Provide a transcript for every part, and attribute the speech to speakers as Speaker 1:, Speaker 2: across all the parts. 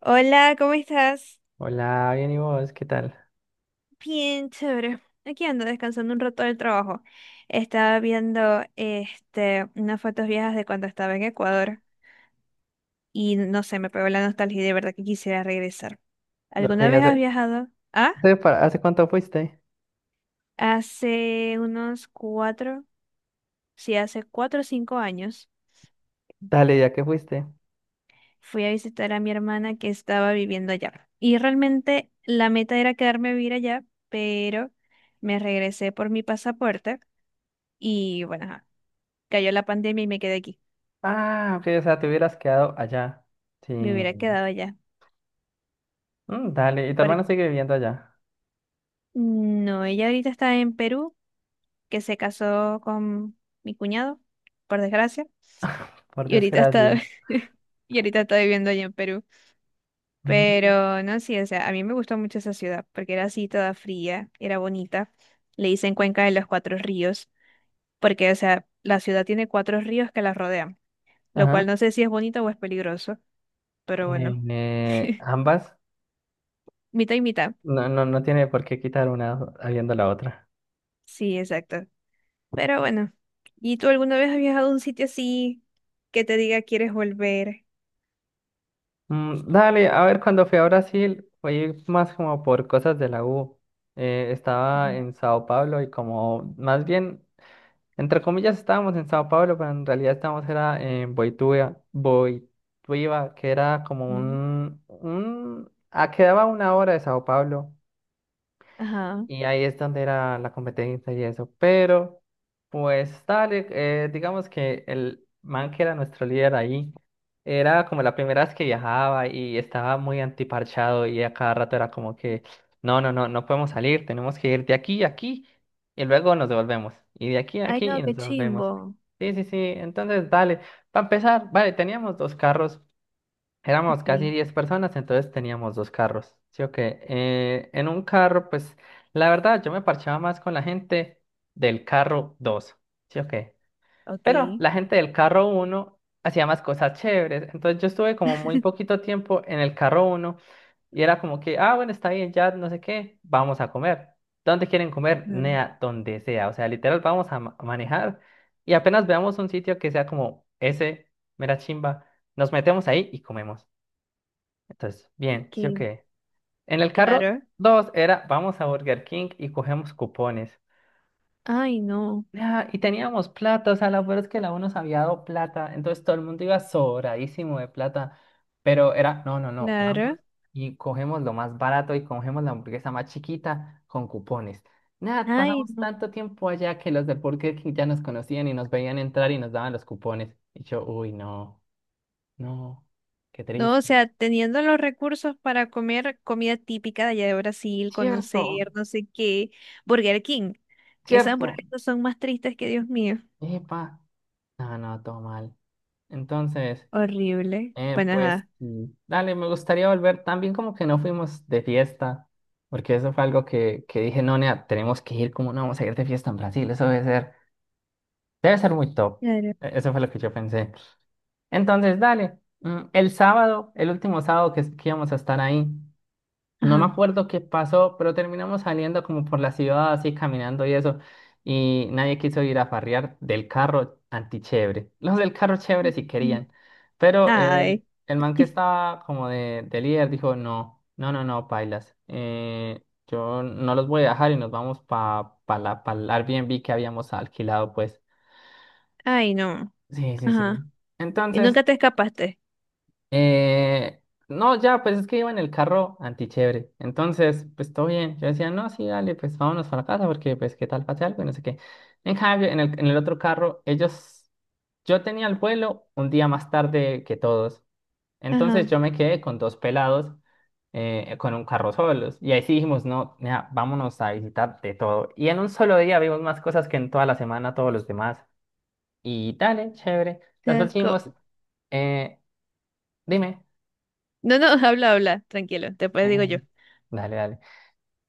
Speaker 1: Hola, ¿cómo estás?
Speaker 2: Hola, bien y vos, ¿qué tal?
Speaker 1: Bien, chévere. Aquí ando descansando un rato del trabajo. Estaba viendo unas fotos viejas de cuando estaba en Ecuador y no sé, me pegó la nostalgia y de verdad que quisiera regresar.
Speaker 2: Ok,
Speaker 1: ¿Alguna
Speaker 2: bien.
Speaker 1: vez has
Speaker 2: ¿hace,
Speaker 1: viajado? Ah,
Speaker 2: hace para- ¿hace cuánto fuiste?
Speaker 1: hace unos cuatro, sí, hace 4 o 5 años
Speaker 2: Dale, ya que fuiste.
Speaker 1: fui a visitar a mi hermana que estaba viviendo allá. Y realmente la meta era quedarme a vivir allá, pero me regresé por mi pasaporte y bueno, cayó la pandemia y me quedé aquí.
Speaker 2: Ah, ok, o sea, te hubieras quedado allá. Sí.
Speaker 1: Me hubiera quedado allá.
Speaker 2: Dale, y tu hermano
Speaker 1: Porque,
Speaker 2: sigue viviendo allá,
Speaker 1: no, ella ahorita está en Perú, que se casó con mi cuñado, por desgracia.
Speaker 2: por
Speaker 1: Y ahorita está,
Speaker 2: desgracia.
Speaker 1: y ahorita está viviendo allá en Perú.
Speaker 2: Mm,
Speaker 1: Pero no, sí, o sea, a mí me gustó mucho esa ciudad, porque era así toda fría, era bonita. Le dicen Cuenca de los Cuatro Ríos, porque, o sea, la ciudad tiene cuatro ríos que la rodean, lo
Speaker 2: ajá.
Speaker 1: cual no sé si es bonito o es peligroso, pero bueno,
Speaker 2: Ambas,
Speaker 1: mitad y mitad.
Speaker 2: no, no, no tiene por qué quitar una habiendo la otra.
Speaker 1: Sí, exacto. Pero bueno, ¿y tú alguna vez has viajado a un sitio así que te diga quieres volver?
Speaker 2: Dale, a ver, cuando fui a Brasil, fui más como por cosas de la U. Estaba en Sao Paulo y como más bien. Entre comillas estábamos en Sao Paulo, pero en realidad estábamos era en Boituva, que era como
Speaker 1: Ujú.
Speaker 2: quedaba 1 hora de Sao Paulo.
Speaker 1: Ajá,
Speaker 2: Y ahí es donde era la competencia y eso. Pero, pues, dale, digamos que el man que era nuestro líder ahí, era como la primera vez que viajaba y estaba muy antiparchado y a cada rato era como que, no, no, no, no podemos salir, tenemos que ir de aquí a aquí y luego nos devolvemos. Y de aquí a
Speaker 1: ay,
Speaker 2: aquí
Speaker 1: no,
Speaker 2: y nos
Speaker 1: qué
Speaker 2: devolvemos.
Speaker 1: chimbo.
Speaker 2: Sí, sí, sí, entonces, dale, para empezar, vale, teníamos dos carros. Éramos casi
Speaker 1: Ok,
Speaker 2: 10 personas, entonces teníamos dos carros. Sí, ok. En un carro, pues, la verdad, yo me parchaba más con la gente del carro dos. Sí, ok. Pero
Speaker 1: okay.
Speaker 2: la gente del carro uno hacía más cosas chéveres. Entonces yo estuve como muy poquito tiempo en el carro uno y era como que, ah, bueno, está bien, ya no sé qué, vamos a comer. ¿Dónde quieren comer?
Speaker 1: Ajá.
Speaker 2: Nea, donde sea. O sea, literal, vamos a manejar y apenas veamos un sitio que sea como ese, mera chimba, nos metemos ahí y comemos. Entonces, bien, ¿sí o
Speaker 1: Que,
Speaker 2: qué? En el carro
Speaker 1: claro.
Speaker 2: dos era, vamos a Burger King y cogemos cupones.
Speaker 1: Ay, no,
Speaker 2: Ah, y teníamos plata, o sea, la verdad es que la uno nos había dado plata, entonces todo el mundo iba sobradísimo de plata, pero era, no, no, no, vamos
Speaker 1: claro.
Speaker 2: y cogemos lo más barato y cogemos la hamburguesa más chiquita con cupones. Nada,
Speaker 1: Ay,
Speaker 2: pasamos
Speaker 1: no.
Speaker 2: tanto tiempo allá que los de Burger King ya nos conocían y nos veían entrar y nos daban los cupones. Y yo, uy, no, no, qué
Speaker 1: No, o
Speaker 2: triste.
Speaker 1: sea, teniendo los recursos para comer comida típica de allá de Brasil,
Speaker 2: Cierto,
Speaker 1: conocer no sé qué, Burger King, que esas
Speaker 2: cierto.
Speaker 1: hamburguesas son más tristes que Dios mío.
Speaker 2: Epa. No, no, todo mal. Entonces,
Speaker 1: Horrible. Bueno,
Speaker 2: pues,
Speaker 1: ajá.
Speaker 2: dale, me gustaría volver también como que no fuimos de fiesta, porque eso fue algo que dije, no, nea, tenemos que ir, como no vamos a ir de fiesta en Brasil? Eso debe ser muy top.
Speaker 1: Claro.
Speaker 2: Eso fue lo que yo pensé. Entonces, dale, el sábado, el último sábado que íbamos a estar ahí. No
Speaker 1: Ajá.
Speaker 2: me acuerdo qué pasó, pero terminamos saliendo como por la ciudad, así caminando y eso. Y nadie quiso ir a farrear del carro antichévere. Los del carro chévere sí
Speaker 1: Sí.
Speaker 2: querían. Pero
Speaker 1: Ay.
Speaker 2: el man que estaba como de líder dijo, no, no, no, no, pailas. Yo no los voy a dejar y nos vamos para pa pa la, pa el Airbnb que habíamos alquilado, pues.
Speaker 1: Ay, no.
Speaker 2: Sí, sí, sí.
Speaker 1: Ajá. Y
Speaker 2: Entonces.
Speaker 1: nunca te escapaste.
Speaker 2: Eh, no, ya, pues es que iba en el carro antichévere. Entonces, pues todo bien. Yo decía, no, sí, dale, pues vámonos para la casa porque, pues, qué tal pase algo y no sé qué. En cambio, en el otro carro, ellos, yo tenía el vuelo un día más tarde que todos.
Speaker 1: Ajá.
Speaker 2: Entonces yo me quedé con dos pelados con un carro solos. Y ahí sí dijimos, no, mira, vámonos a visitar de todo. Y en un solo día vimos más cosas que en toda la semana todos los demás. Y dale, chévere.
Speaker 1: Te
Speaker 2: Después
Speaker 1: esco-
Speaker 2: dijimos, eh, dime.
Speaker 1: No, no, habla, habla, tranquilo, después digo
Speaker 2: Eh,
Speaker 1: yo.
Speaker 2: Dale, dale.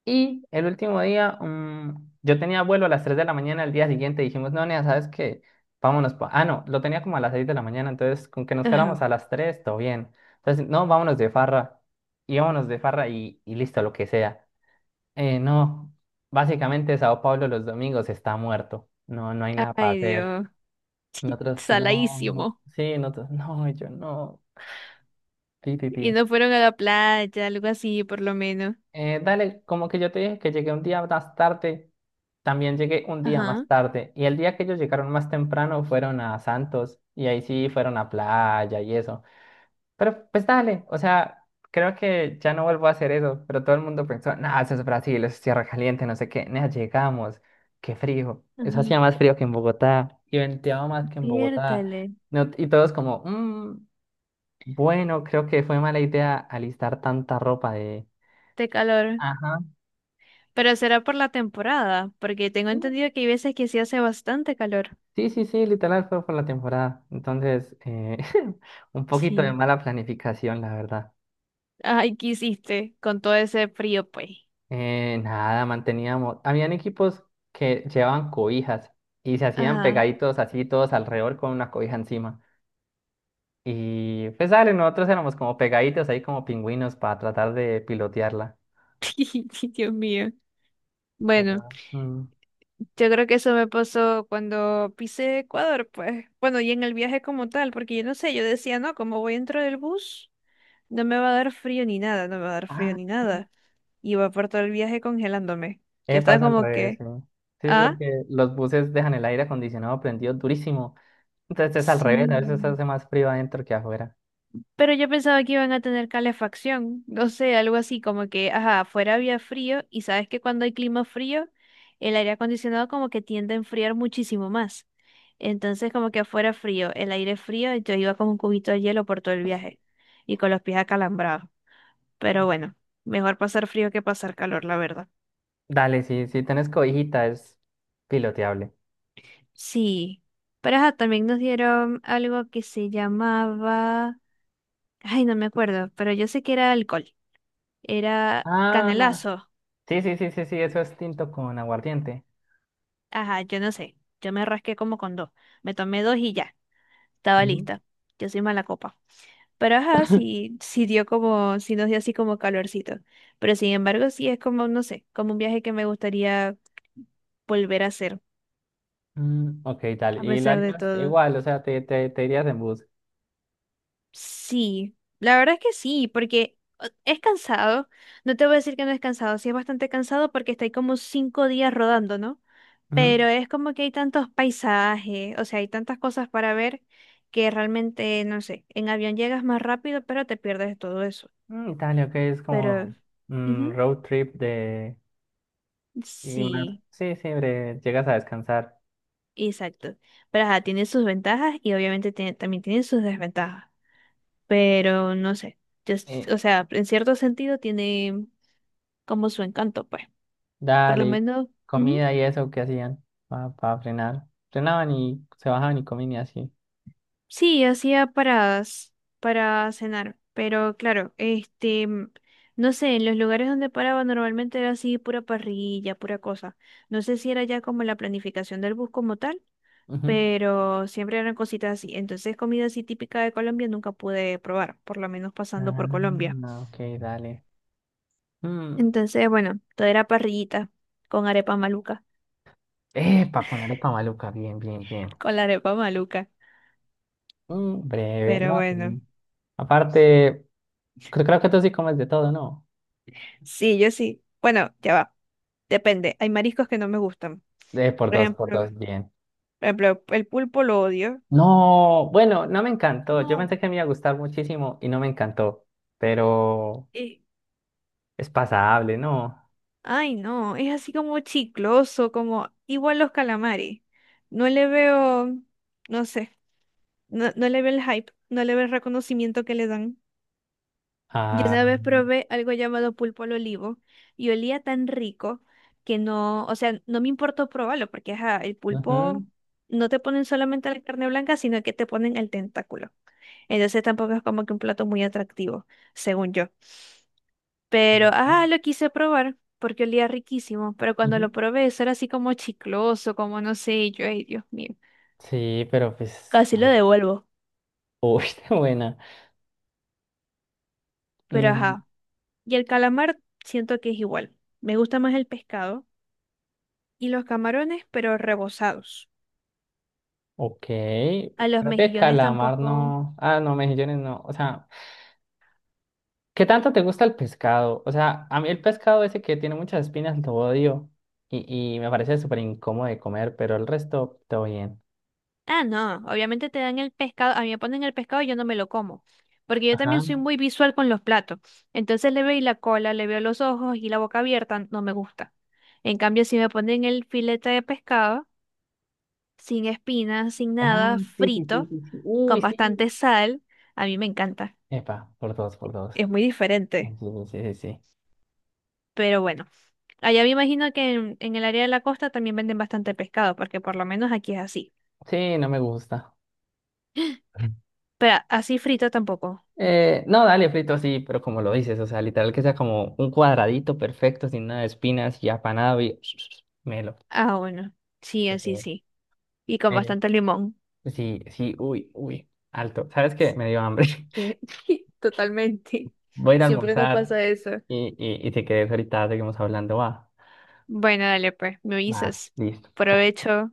Speaker 2: Y el último día, yo tenía vuelo a las 3 de la mañana el día siguiente. Dijimos, no, Nea, ¿sabes qué? Vámonos. Ah, no, lo tenía como a las 6 de la mañana. Entonces, con que nos
Speaker 1: Ajá.
Speaker 2: fuéramos a las 3 todo bien. Entonces, no, vámonos de farra. Y vámonos de farra y listo, lo que sea. No, básicamente Sao Paulo los domingos está muerto. No, no hay nada para
Speaker 1: Ay,
Speaker 2: hacer.
Speaker 1: Dios.
Speaker 2: Nosotros, no.
Speaker 1: Saladísimo.
Speaker 2: Sí, nosotros, no, y yo no. Ti, ti, ti.
Speaker 1: Y no fueron a la playa, algo así, por lo menos.
Speaker 2: Dale, como que yo te dije que llegué un día más tarde, también llegué un día más
Speaker 1: Ajá.
Speaker 2: tarde. Y el día que ellos llegaron más temprano fueron a Santos y ahí sí fueron a playa y eso. Pero pues dale, o sea, creo que ya no vuelvo a hacer eso. Pero todo el mundo pensó, nah, eso es Brasil, eso es tierra caliente, no sé qué. Nah, llegamos, qué frío. Eso
Speaker 1: Ajá.
Speaker 2: hacía más frío que en Bogotá y venteaba más que en Bogotá.
Speaker 1: Piértale.
Speaker 2: Y todos como, "Mm, bueno, creo que fue mala idea alistar tanta ropa de.
Speaker 1: Este calor.
Speaker 2: Ajá.
Speaker 1: Pero será por la temporada, porque tengo entendido que hay veces que sí hace bastante calor.
Speaker 2: Sí, sí, sí, literal fue por la temporada. Entonces, un poquito de
Speaker 1: Sí.
Speaker 2: mala planificación, la verdad.
Speaker 1: Ay, ¿qué hiciste con todo ese frío, pues?
Speaker 2: Nada, manteníamos. Habían equipos que llevaban cobijas y se hacían
Speaker 1: Ajá.
Speaker 2: pegaditos así, todos alrededor con una cobija encima. Y pues, dale, nosotros éramos como pegaditos ahí, como pingüinos, para tratar de pilotearla.
Speaker 1: Dios mío. Bueno.
Speaker 2: Pero,
Speaker 1: Yo creo que eso me pasó cuando pisé Ecuador, pues, bueno, y en el viaje como tal, porque yo no sé, yo decía, no, como voy dentro del bus, no me va a dar frío ni nada, no me va a dar frío
Speaker 2: ah,
Speaker 1: ni nada. Iba por todo el viaje congelándome. Yo estaba
Speaker 2: pasa al
Speaker 1: como
Speaker 2: revés,
Speaker 1: que,
Speaker 2: sí. Sí, es
Speaker 1: ah,
Speaker 2: porque los buses dejan el aire acondicionado prendido durísimo. Entonces es al revés, a veces
Speaker 1: sí.
Speaker 2: hace más frío adentro que afuera.
Speaker 1: Pero yo pensaba que iban a tener calefacción, no sé, algo así, como que, ajá, afuera había frío y sabes que cuando hay clima frío, el aire acondicionado como que tiende a enfriar muchísimo más. Entonces como que afuera frío, el aire frío, yo iba con un cubito de hielo por todo el viaje y con los pies acalambrados. Pero bueno, mejor pasar frío que pasar calor, la verdad.
Speaker 2: Dale, sí, si tenés cobijita es piloteable.
Speaker 1: Sí, pero ajá, también nos dieron algo que se llamaba, ay, no me acuerdo, pero yo sé que era alcohol, era
Speaker 2: Ah,
Speaker 1: canelazo.
Speaker 2: sí, sí, sí, sí, sí, eso es tinto con aguardiente.
Speaker 1: Ajá, yo no sé. Yo me rasqué como con dos. Me tomé dos y ya. Estaba
Speaker 2: Ujú.
Speaker 1: lista. Yo soy mala copa. Pero ajá, sí, sí dio como, sí nos dio así como calorcito. Pero sin embargo, sí es como, no sé, como un viaje que me gustaría volver a hacer,
Speaker 2: Ok,
Speaker 1: a
Speaker 2: dale. Y lo
Speaker 1: pesar de
Speaker 2: harías
Speaker 1: todo.
Speaker 2: igual, o sea, te irías en bus.
Speaker 1: Sí, la verdad es que sí, porque es cansado. No te voy a decir que no es cansado, sí es bastante cansado porque estáis como 5 días rodando, ¿no?
Speaker 2: Ujú.
Speaker 1: Pero es como que hay tantos paisajes, o sea, hay tantas cosas para ver que realmente, no sé, en avión llegas más rápido, pero te pierdes todo eso.
Speaker 2: Dale, ok, es
Speaker 1: Pero,
Speaker 2: como
Speaker 1: ujú,
Speaker 2: road trip de. Y más,
Speaker 1: sí,
Speaker 2: sí, sí, breve, llegas a descansar.
Speaker 1: exacto. Pero ajá, tiene sus ventajas y obviamente también tiene sus desventajas. Pero no sé,
Speaker 2: Eh,
Speaker 1: o sea, en cierto sentido tiene como su encanto, pues. Por
Speaker 2: Dale,
Speaker 1: lo
Speaker 2: y
Speaker 1: menos, ujú.
Speaker 2: comida y eso que hacían para frenar. Frenaban y se bajaban y comían y así.
Speaker 1: Sí, hacía paradas para cenar, pero claro, no sé, en los lugares donde paraba normalmente era así pura parrilla, pura cosa. No sé si era ya como la planificación del bus como tal,
Speaker 2: Ujú.
Speaker 1: pero siempre eran cositas así. Entonces, comida así típica de Colombia nunca pude probar, por lo menos pasando por Colombia.
Speaker 2: Ah, ok, dale. Mm,
Speaker 1: Entonces, bueno, todo era parrillita con arepa maluca,
Speaker 2: Epa, con la arepa maluca, bien, bien, bien.
Speaker 1: con la arepa maluca,
Speaker 2: Breve, no.
Speaker 1: pero bueno.
Speaker 2: Sí. Aparte, creo que tú sí comes de todo, ¿no?
Speaker 1: Sí, yo sí. Bueno, ya va. Depende. Hay mariscos que no me gustan.
Speaker 2: Por
Speaker 1: Por
Speaker 2: dos, por
Speaker 1: ejemplo,
Speaker 2: dos, bien.
Speaker 1: por ejemplo, el pulpo lo odio.
Speaker 2: No, bueno, no me encantó. Yo
Speaker 1: No.
Speaker 2: pensé que me iba a gustar muchísimo y no me encantó, pero
Speaker 1: eh,
Speaker 2: es pasable, ¿no?
Speaker 1: ay, no. Es así como chicloso, como igual los calamares. No le veo, no sé, no, no le veo el hype, no le veo el reconocimiento que le dan. Yo
Speaker 2: Ah,
Speaker 1: una vez probé algo llamado pulpo al olivo y olía tan rico que no, o sea, no me importó probarlo porque ajá, el pulpo
Speaker 2: ujú,
Speaker 1: no te ponen solamente la carne blanca, sino que te ponen el tentáculo. Entonces tampoco es como que un plato muy atractivo, según yo. Pero,
Speaker 2: ujú,
Speaker 1: ajá, lo quise probar porque olía riquísimo, pero cuando
Speaker 2: ujú.
Speaker 1: lo probé eso era así como chicloso, como no sé, y yo, ay, Dios mío,
Speaker 2: Sí, pero pues,
Speaker 1: casi lo
Speaker 2: ay,
Speaker 1: devuelvo.
Speaker 2: uy, qué buena.
Speaker 1: Pero,
Speaker 2: Mm,
Speaker 1: ajá, y el calamar siento que es igual. Me gusta más el pescado y los camarones, pero rebozados.
Speaker 2: ok,
Speaker 1: A los
Speaker 2: creo que
Speaker 1: mejillones
Speaker 2: calamar
Speaker 1: tampoco.
Speaker 2: no, ah, no, mejillones no, o sea. ¿Qué tanto te gusta el pescado? O sea, a mí el pescado ese que tiene muchas espinas lo odio y me parece súper incómodo de comer, pero el resto todo bien.
Speaker 1: Ah, no, obviamente te dan el pescado. A mí me ponen el pescado y yo no me lo como. Porque yo también soy
Speaker 2: Ajá.
Speaker 1: muy visual con los platos. Entonces le veo la cola, le veo los ojos y la boca abierta, no me gusta. En cambio, si me ponen el filete de pescado, sin espinas, sin
Speaker 2: Ah,
Speaker 1: nada,
Speaker 2: sí, sí, sí,
Speaker 1: frito,
Speaker 2: sí, sí. Uy,
Speaker 1: con bastante
Speaker 2: sí.
Speaker 1: sal, a mí me encanta.
Speaker 2: Epa, por dos, por dos.
Speaker 1: Es muy diferente.
Speaker 2: Sí, sí, sí. Sí,
Speaker 1: Pero bueno, allá me imagino que en el área de la costa también venden bastante pescado, porque por lo menos aquí es así.
Speaker 2: sí, no me gusta.
Speaker 1: Pero así frito tampoco.
Speaker 2: No, dale, frito, sí, pero como lo dices, o sea, literal que sea como un cuadradito perfecto, sin nada de espinas y apanado y melo.
Speaker 1: Ah, bueno. Sí,
Speaker 2: Sí,
Speaker 1: así sí. Y con
Speaker 2: Eh,
Speaker 1: bastante limón.
Speaker 2: sí, sí, uy, uy, alto. ¿Sabes qué? Me dio hambre.
Speaker 1: Que- Totalmente.
Speaker 2: Voy a ir a
Speaker 1: Siempre nos
Speaker 2: almorzar
Speaker 1: pasa eso.
Speaker 2: y si querés ahorita seguimos hablando, va.
Speaker 1: Bueno, dale pues, me
Speaker 2: Va,
Speaker 1: avisas.
Speaker 2: listo. Chao.
Speaker 1: Provecho.